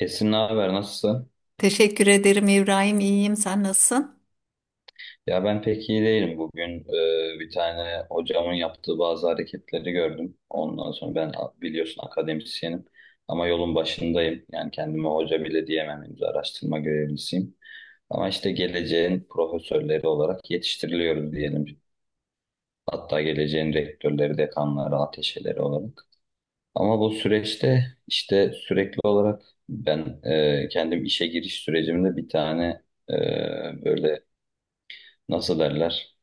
Esin ne haber nasılsın? Teşekkür ederim İbrahim. İyiyim. Sen nasılsın? Ya ben pek iyi değilim bugün. Bir tane hocamın yaptığı bazı hareketleri gördüm. Ondan sonra biliyorsun akademisyenim ama yolun başındayım. Yani kendime hoca bile diyemem henüz araştırma görevlisiyim. Ama işte geleceğin profesörleri olarak yetiştiriliyoruz diyelim. Hatta geleceğin rektörleri, dekanları, ateşeleri olarak. Ama bu süreçte işte sürekli olarak ben kendim işe giriş sürecimde bir tane e, böyle nasıl derler?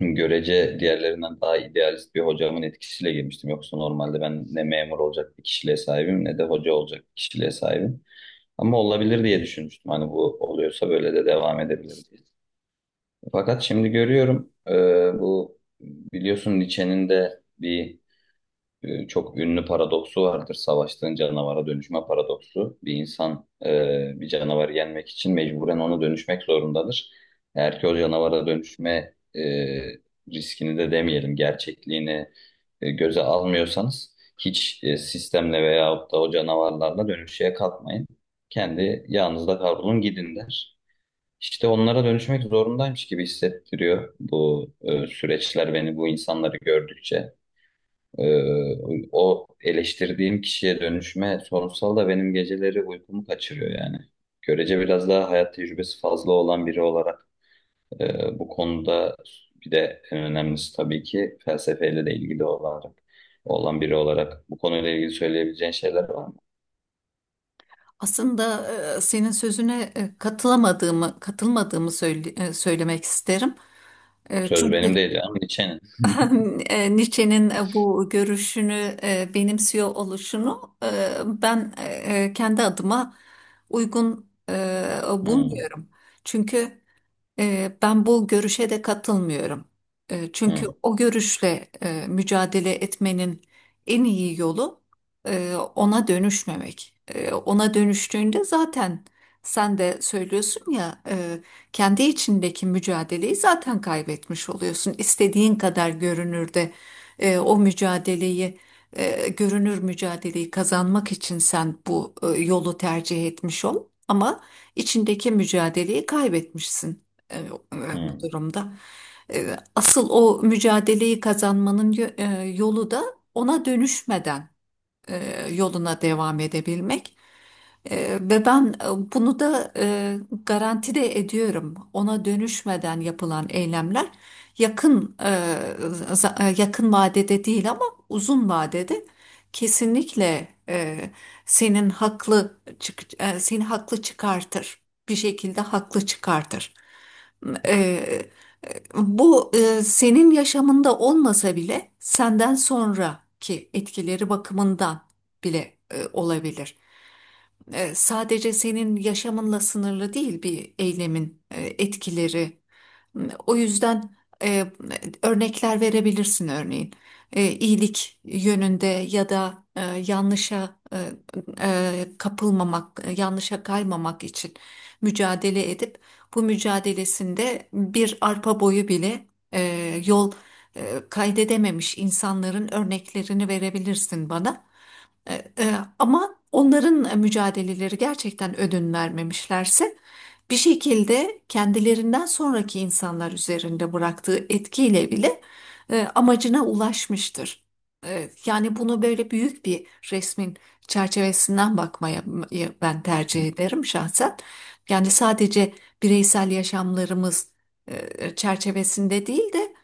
Görece diğerlerinden daha idealist bir hocamın etkisiyle girmiştim. Yoksa normalde ben ne memur olacak bir kişiliğe sahibim ne de hoca olacak bir kişiliğe sahibim. Ama olabilir diye düşünmüştüm. Hani bu oluyorsa böyle de devam edebilir diye. Fakat şimdi görüyorum bu biliyorsun Nietzsche'nin de bir çok ünlü paradoksu vardır. Savaştığın canavara dönüşme paradoksu. Bir insan bir canavarı yenmek için mecburen ona dönüşmek zorundadır. Eğer ki o canavara dönüşme riskini de demeyelim, gerçekliğini göze almıyorsanız hiç sistemle veyahut da o canavarlarla dönüşmeye kalkmayın. Kendi yağınızda kavrulun gidin der. İşte onlara dönüşmek zorundaymış gibi hissettiriyor bu süreçler beni bu insanları gördükçe. O eleştirdiğim kişiye dönüşme sorunsal da benim geceleri uykumu kaçırıyor yani. Görece biraz daha hayat tecrübesi fazla olan biri olarak bu konuda bir de en önemlisi tabii ki felsefeyle de ilgili olarak olan biri olarak bu konuyla ilgili söyleyebileceğin şeyler var mı? Aslında senin sözüne katılmadığımı söylemek isterim. E, Söz Çünkü benim değil canım, Nietzsche'nin. Nietzsche'nin bu görüşünü benimsiyor oluşunu kendi adıma uygun Hı, bulmuyorum. Çünkü Ben bu görüşe de katılmıyorum. Çünkü hı, o görüşle mücadele etmenin en iyi yolu ona dönüşmemek. Ona dönüştüğünde zaten sen de söylüyorsun ya, kendi içindeki mücadeleyi zaten kaybetmiş oluyorsun. İstediğin kadar görünür de o mücadeleyi görünür mücadeleyi kazanmak için sen bu yolu tercih etmiş ol ama içindeki mücadeleyi kaybetmişsin e, e, bu hı, durumda. Asıl o mücadeleyi kazanmanın yolu da ona dönüşmeden yoluna devam edebilmek. Ve ben bunu da garanti de ediyorum. Ona dönüşmeden yapılan eylemler yakın e, za- e, yakın vadede değil ama uzun vadede kesinlikle seni haklı çıkartır. Bir şekilde haklı çıkartır. E, Bu senin yaşamında olmasa bile senden sonraki etkileri bakımından bile olabilir, sadece senin yaşamınla sınırlı değil bir eylemin etkileri. O yüzden e, örnekler verebilirsin örneğin. İyilik yönünde ya da yanlışa kapılmamak, yanlışa kaymamak için mücadele edip bu mücadelesinde bir arpa boyu bile e, yol kaydedememiş insanların örneklerini verebilirsin bana. Ama onların mücadeleleri gerçekten ödün vermemişlerse bir şekilde kendilerinden sonraki insanlar üzerinde bıraktığı etkiyle bile amacına ulaşmıştır. Yani bunu böyle büyük bir resmin çerçevesinden bakmaya ben hı, tercih ederim şahsen. Yani sadece bireysel yaşamlarımız çerçevesinde değil de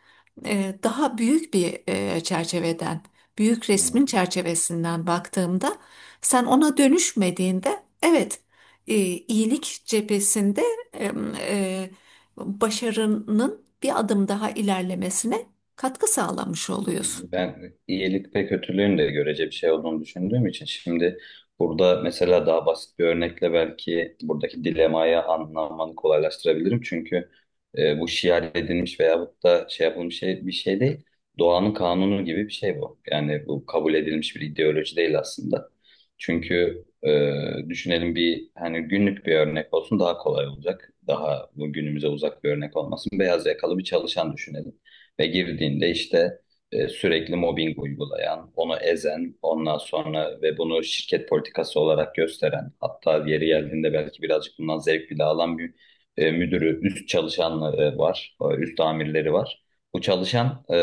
daha büyük bir çerçeveden, büyük resmin çerçevesinden baktığımda sen ona dönüşmediğinde evet, iyilik cephesinde e, e, başarının bir adım daha ilerlemesine katkı sağlamış oluyorsun. ben iyilik ve kötülüğün de görece bir şey olduğunu düşündüğüm için şimdi burada mesela daha basit bir örnekle belki buradaki dilemayı anlamanı kolaylaştırabilirim. Çünkü bu şiar edilmiş veyahut da şey yapılmış şey, bir şey değil. Doğanın kanunu gibi bir şey bu. Yani bu kabul edilmiş bir ideoloji değil aslında. Çünkü düşünelim bir hani günlük bir örnek olsun daha kolay olacak. Daha bu günümüze uzak bir örnek olmasın. Beyaz yakalı bir çalışan düşünelim ve girdiğinde işte sürekli mobbing uygulayan, onu ezen, ondan sonra ve bunu şirket politikası olarak gösteren, hatta yeri geldiğinde belki birazcık bundan zevk bile alan bir müdürü, üst çalışanları var, üst amirleri var. Bu çalışan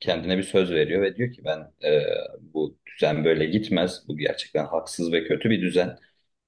kendine bir söz veriyor ve diyor ki ben bu düzen böyle gitmez. Bu gerçekten haksız ve kötü bir düzen.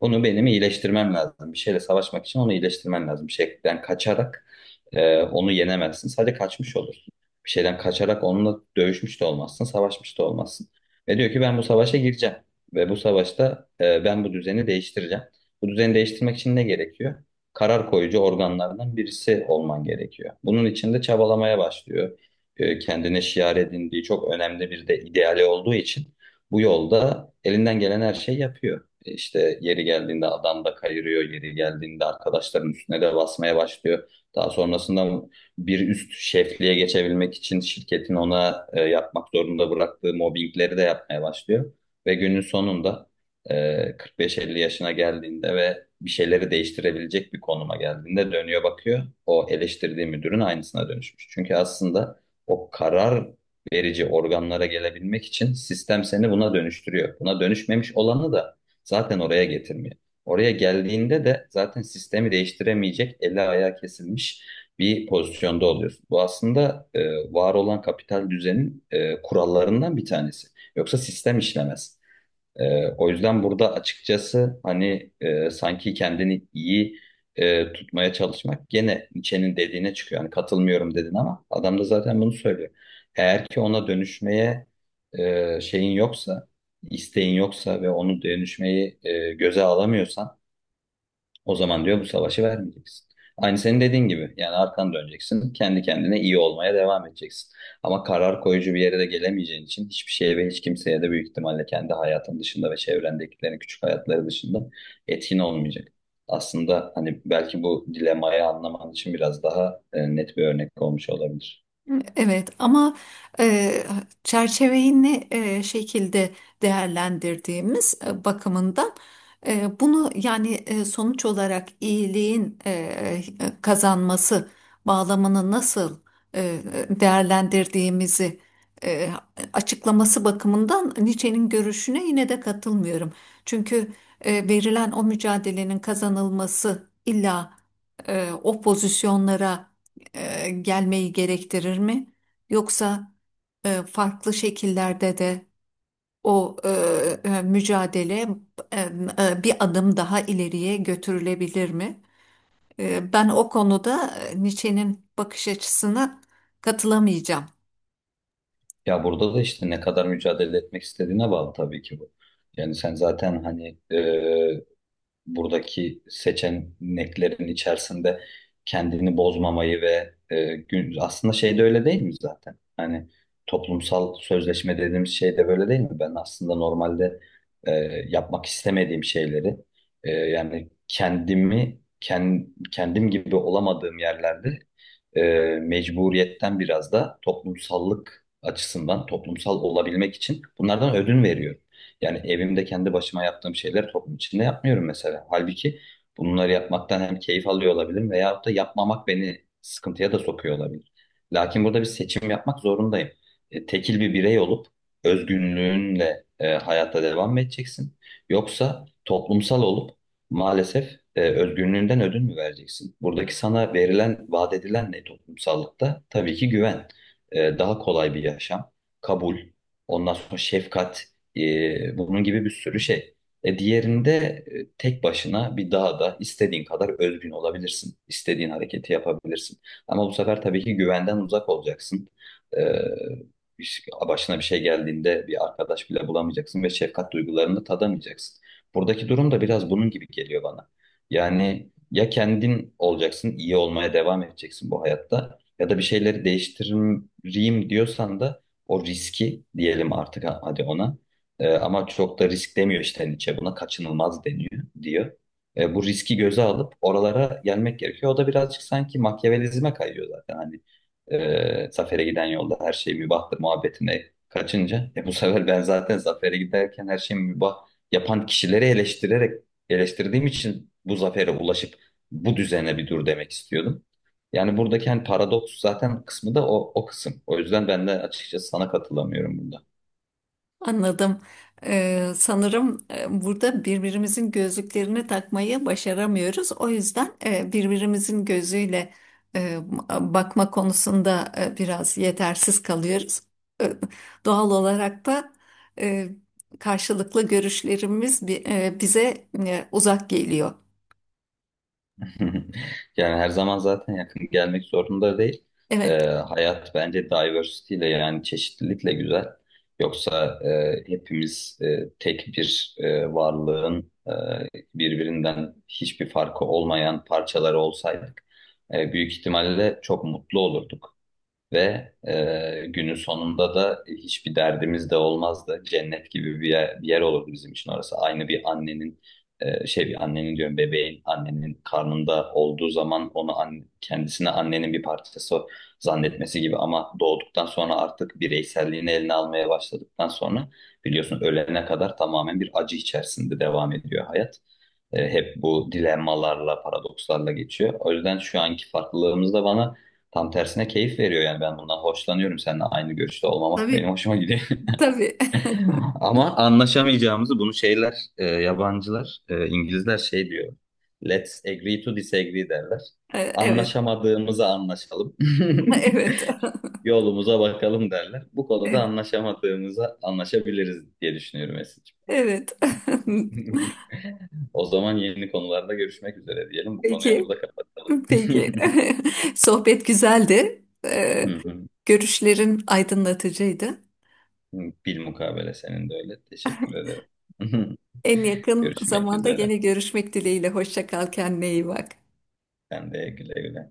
Onu benim iyileştirmem lazım. Bir şeyle savaşmak için onu iyileştirmen lazım. Bir şeyden kaçarak onu yenemezsin. Sadece kaçmış olursun. Bir şeyden kaçarak onunla dövüşmüş de olmazsın, savaşmış da olmazsın. Ve diyor ki ben bu savaşa gireceğim. Ve bu savaşta ben bu düzeni değiştireceğim. Bu düzeni değiştirmek için ne gerekiyor? Karar koyucu organlardan birisi olman gerekiyor. Bunun için de çabalamaya başlıyor kendine şiar edindiği çok önemli bir de ideali olduğu için bu yolda elinden gelen her şeyi yapıyor. İşte yeri geldiğinde adam da kayırıyor, yeri geldiğinde arkadaşların üstüne de basmaya başlıyor. Daha sonrasında bir üst şefliğe geçebilmek için şirketin ona yapmak zorunda bıraktığı mobbingleri de yapmaya başlıyor. Ve günün sonunda e, 45-50 yaşına geldiğinde ve bir şeyleri değiştirebilecek bir konuma geldiğinde dönüyor bakıyor. O eleştirdiği müdürün aynısına dönüşmüş. Çünkü aslında o karar verici organlara gelebilmek için sistem seni buna dönüştürüyor. Buna dönüşmemiş olanı da zaten oraya getirmiyor. Oraya geldiğinde de zaten sistemi değiştiremeyecek, eli ayağı kesilmiş bir pozisyonda oluyorsun. Bu aslında var olan kapital düzenin kurallarından bir tanesi. Yoksa sistem işlemez. O yüzden burada açıkçası hani sanki kendini iyi tutmaya çalışmak gene Nietzsche'nin dediğine çıkıyor. Yani katılmıyorum dedin ama adam da zaten bunu söylüyor. Eğer ki ona dönüşmeye şeyin yoksa, isteğin yoksa ve onu dönüşmeyi göze alamıyorsan o zaman diyor bu savaşı vermeyeceksin. Aynı senin dediğin gibi. Yani arkan döneceksin. Kendi kendine iyi olmaya devam edeceksin. Ama karar koyucu bir yere de gelemeyeceğin için hiçbir şeye ve hiç kimseye de büyük ihtimalle kendi hayatın dışında ve çevrendekilerin küçük hayatları dışında etkin olmayacak. Aslında hani belki bu dilemayı anlaman için biraz daha net bir örnek olmuş olabilir. Evet ama e, çerçeveyi ne şekilde değerlendirdiğimiz bakımından bunu yani sonuç olarak iyiliğin kazanması bağlamını nasıl e, değerlendirdiğimizi e, açıklaması bakımından Nietzsche'nin görüşüne yine de katılmıyorum. Çünkü verilen o mücadelenin kazanılması illa o pozisyonlara gelmeyi gerektirir mi? Yoksa farklı şekillerde de o mücadele e, bir adım daha ileriye götürülebilir mi? Ben o konuda Nietzsche'nin bakış açısına katılamayacağım. Ya burada da işte ne kadar mücadele etmek istediğine bağlı tabii ki bu. Yani sen zaten hani buradaki seçeneklerin içerisinde kendini bozmamayı ve aslında şey de öyle değil mi zaten? Hani toplumsal sözleşme dediğimiz şey de böyle değil mi? Ben aslında normalde e, yapmak istemediğim şeyleri yani kendim gibi olamadığım yerlerde e, mecburiyetten biraz da toplumsallık açısından toplumsal olabilmek için bunlardan ödün veriyorum. Yani evimde kendi başıma yaptığım şeyleri toplum içinde yapmıyorum mesela. Halbuki bunları yapmaktan hem keyif alıyor olabilirim veyahut da yapmamak beni sıkıntıya da sokuyor olabilir. Lakin burada bir seçim yapmak zorundayım. Tekil bir birey olup özgünlüğünle hayatta devam mı edeceksin? Yoksa toplumsal olup maalesef özgünlüğünden ödün mü vereceksin? Buradaki sana verilen, vaat edilen ne toplumsallıkta? Tabii ki güven, daha kolay bir yaşam, kabul, ondan sonra şefkat. Bunun gibi bir sürü şey. Diğerinde tek başına bir dağda istediğin kadar özgün olabilirsin. İstediğin hareketi yapabilirsin. Ama bu sefer tabii ki güvenden uzak olacaksın. Ee, Başına bir şey geldiğinde bir arkadaş bile bulamayacaksın ve şefkat duygularını tadamayacaksın. Buradaki durum da biraz bunun gibi geliyor bana. Yani ya kendin olacaksın, iyi olmaya devam edeceksin bu hayatta ya da bir şeyleri değiştireyim diyorsan da o riski diyelim artık hadi ona. Ama çok da risk demiyor işte Nietzsche buna kaçınılmaz deniyor diyor. Bu riski göze alıp oralara gelmek gerekiyor. O da birazcık sanki Machiavellizme kayıyor zaten. Hani zafere giden yolda her şey mübahtır muhabbetine kaçınca bu sefer ben zaten zafere giderken her şeyi mübah yapan kişileri eleştirerek eleştirdiğim için bu zafere ulaşıp bu düzene bir dur demek istiyordum. Yani buradaki hani paradoks zaten kısmı da o kısım. O yüzden ben de açıkçası sana katılamıyorum bunda. Anladım. Sanırım burada birbirimizin gözlüklerini takmayı başaramıyoruz. O yüzden birbirimizin gözüyle e, bakma konusunda biraz yetersiz kalıyoruz. E, Doğal olarak da e, karşılıklı görüşlerimiz bize uzak geliyor. Yani her zaman zaten yakın gelmek zorunda değil. Evet, Hayat bence diversity ile yani çeşitlilikle güzel. Yoksa hepimiz tek bir varlığın birbirinden hiçbir farkı olmayan parçaları olsaydık büyük ihtimalle çok mutlu olurduk. Ve günün sonunda da hiçbir derdimiz de olmazdı. Cennet gibi bir yer olurdu bizim için orası. Aynı bir annenin bir annenin diyorum bebeğin annenin karnında olduğu zaman kendisine annenin bir parçası zannetmesi gibi ama doğduktan sonra artık bireyselliğini eline almaya başladıktan sonra biliyorsun ölene kadar tamamen bir acı içerisinde devam ediyor hayat. Hep bu dilemmalarla, paradokslarla geçiyor. O yüzden şu anki farklılığımız da bana tam tersine keyif veriyor. Yani ben bundan hoşlanıyorum. Seninle aynı görüşte olmamak benim tabii, hoşuma gidiyor. tabii. Ama anlaşamayacağımızı bunu yabancılar, İngilizler şey diyor. Let's agree to disagree derler. Evet. Anlaşamadığımızı anlaşalım. Evet. Yolumuza bakalım derler. Bu konuda anlaşamadığımıza anlaşabiliriz diye düşünüyorum Esin'ciğim. Evet. O zaman yeni konularda görüşmek üzere diyelim. Bu konuyu Peki. burada kapatalım. Peki. Sohbet güzeldi. Hı hı. Görüşlerin aydınlatıcıydı. Bilmukabele senin de öyle. Teşekkür ederim. En yakın Görüşmek zamanda üzere. gene görüşmek dileğiyle. Hoşça kal, kendine iyi bak. Sen de güle güle.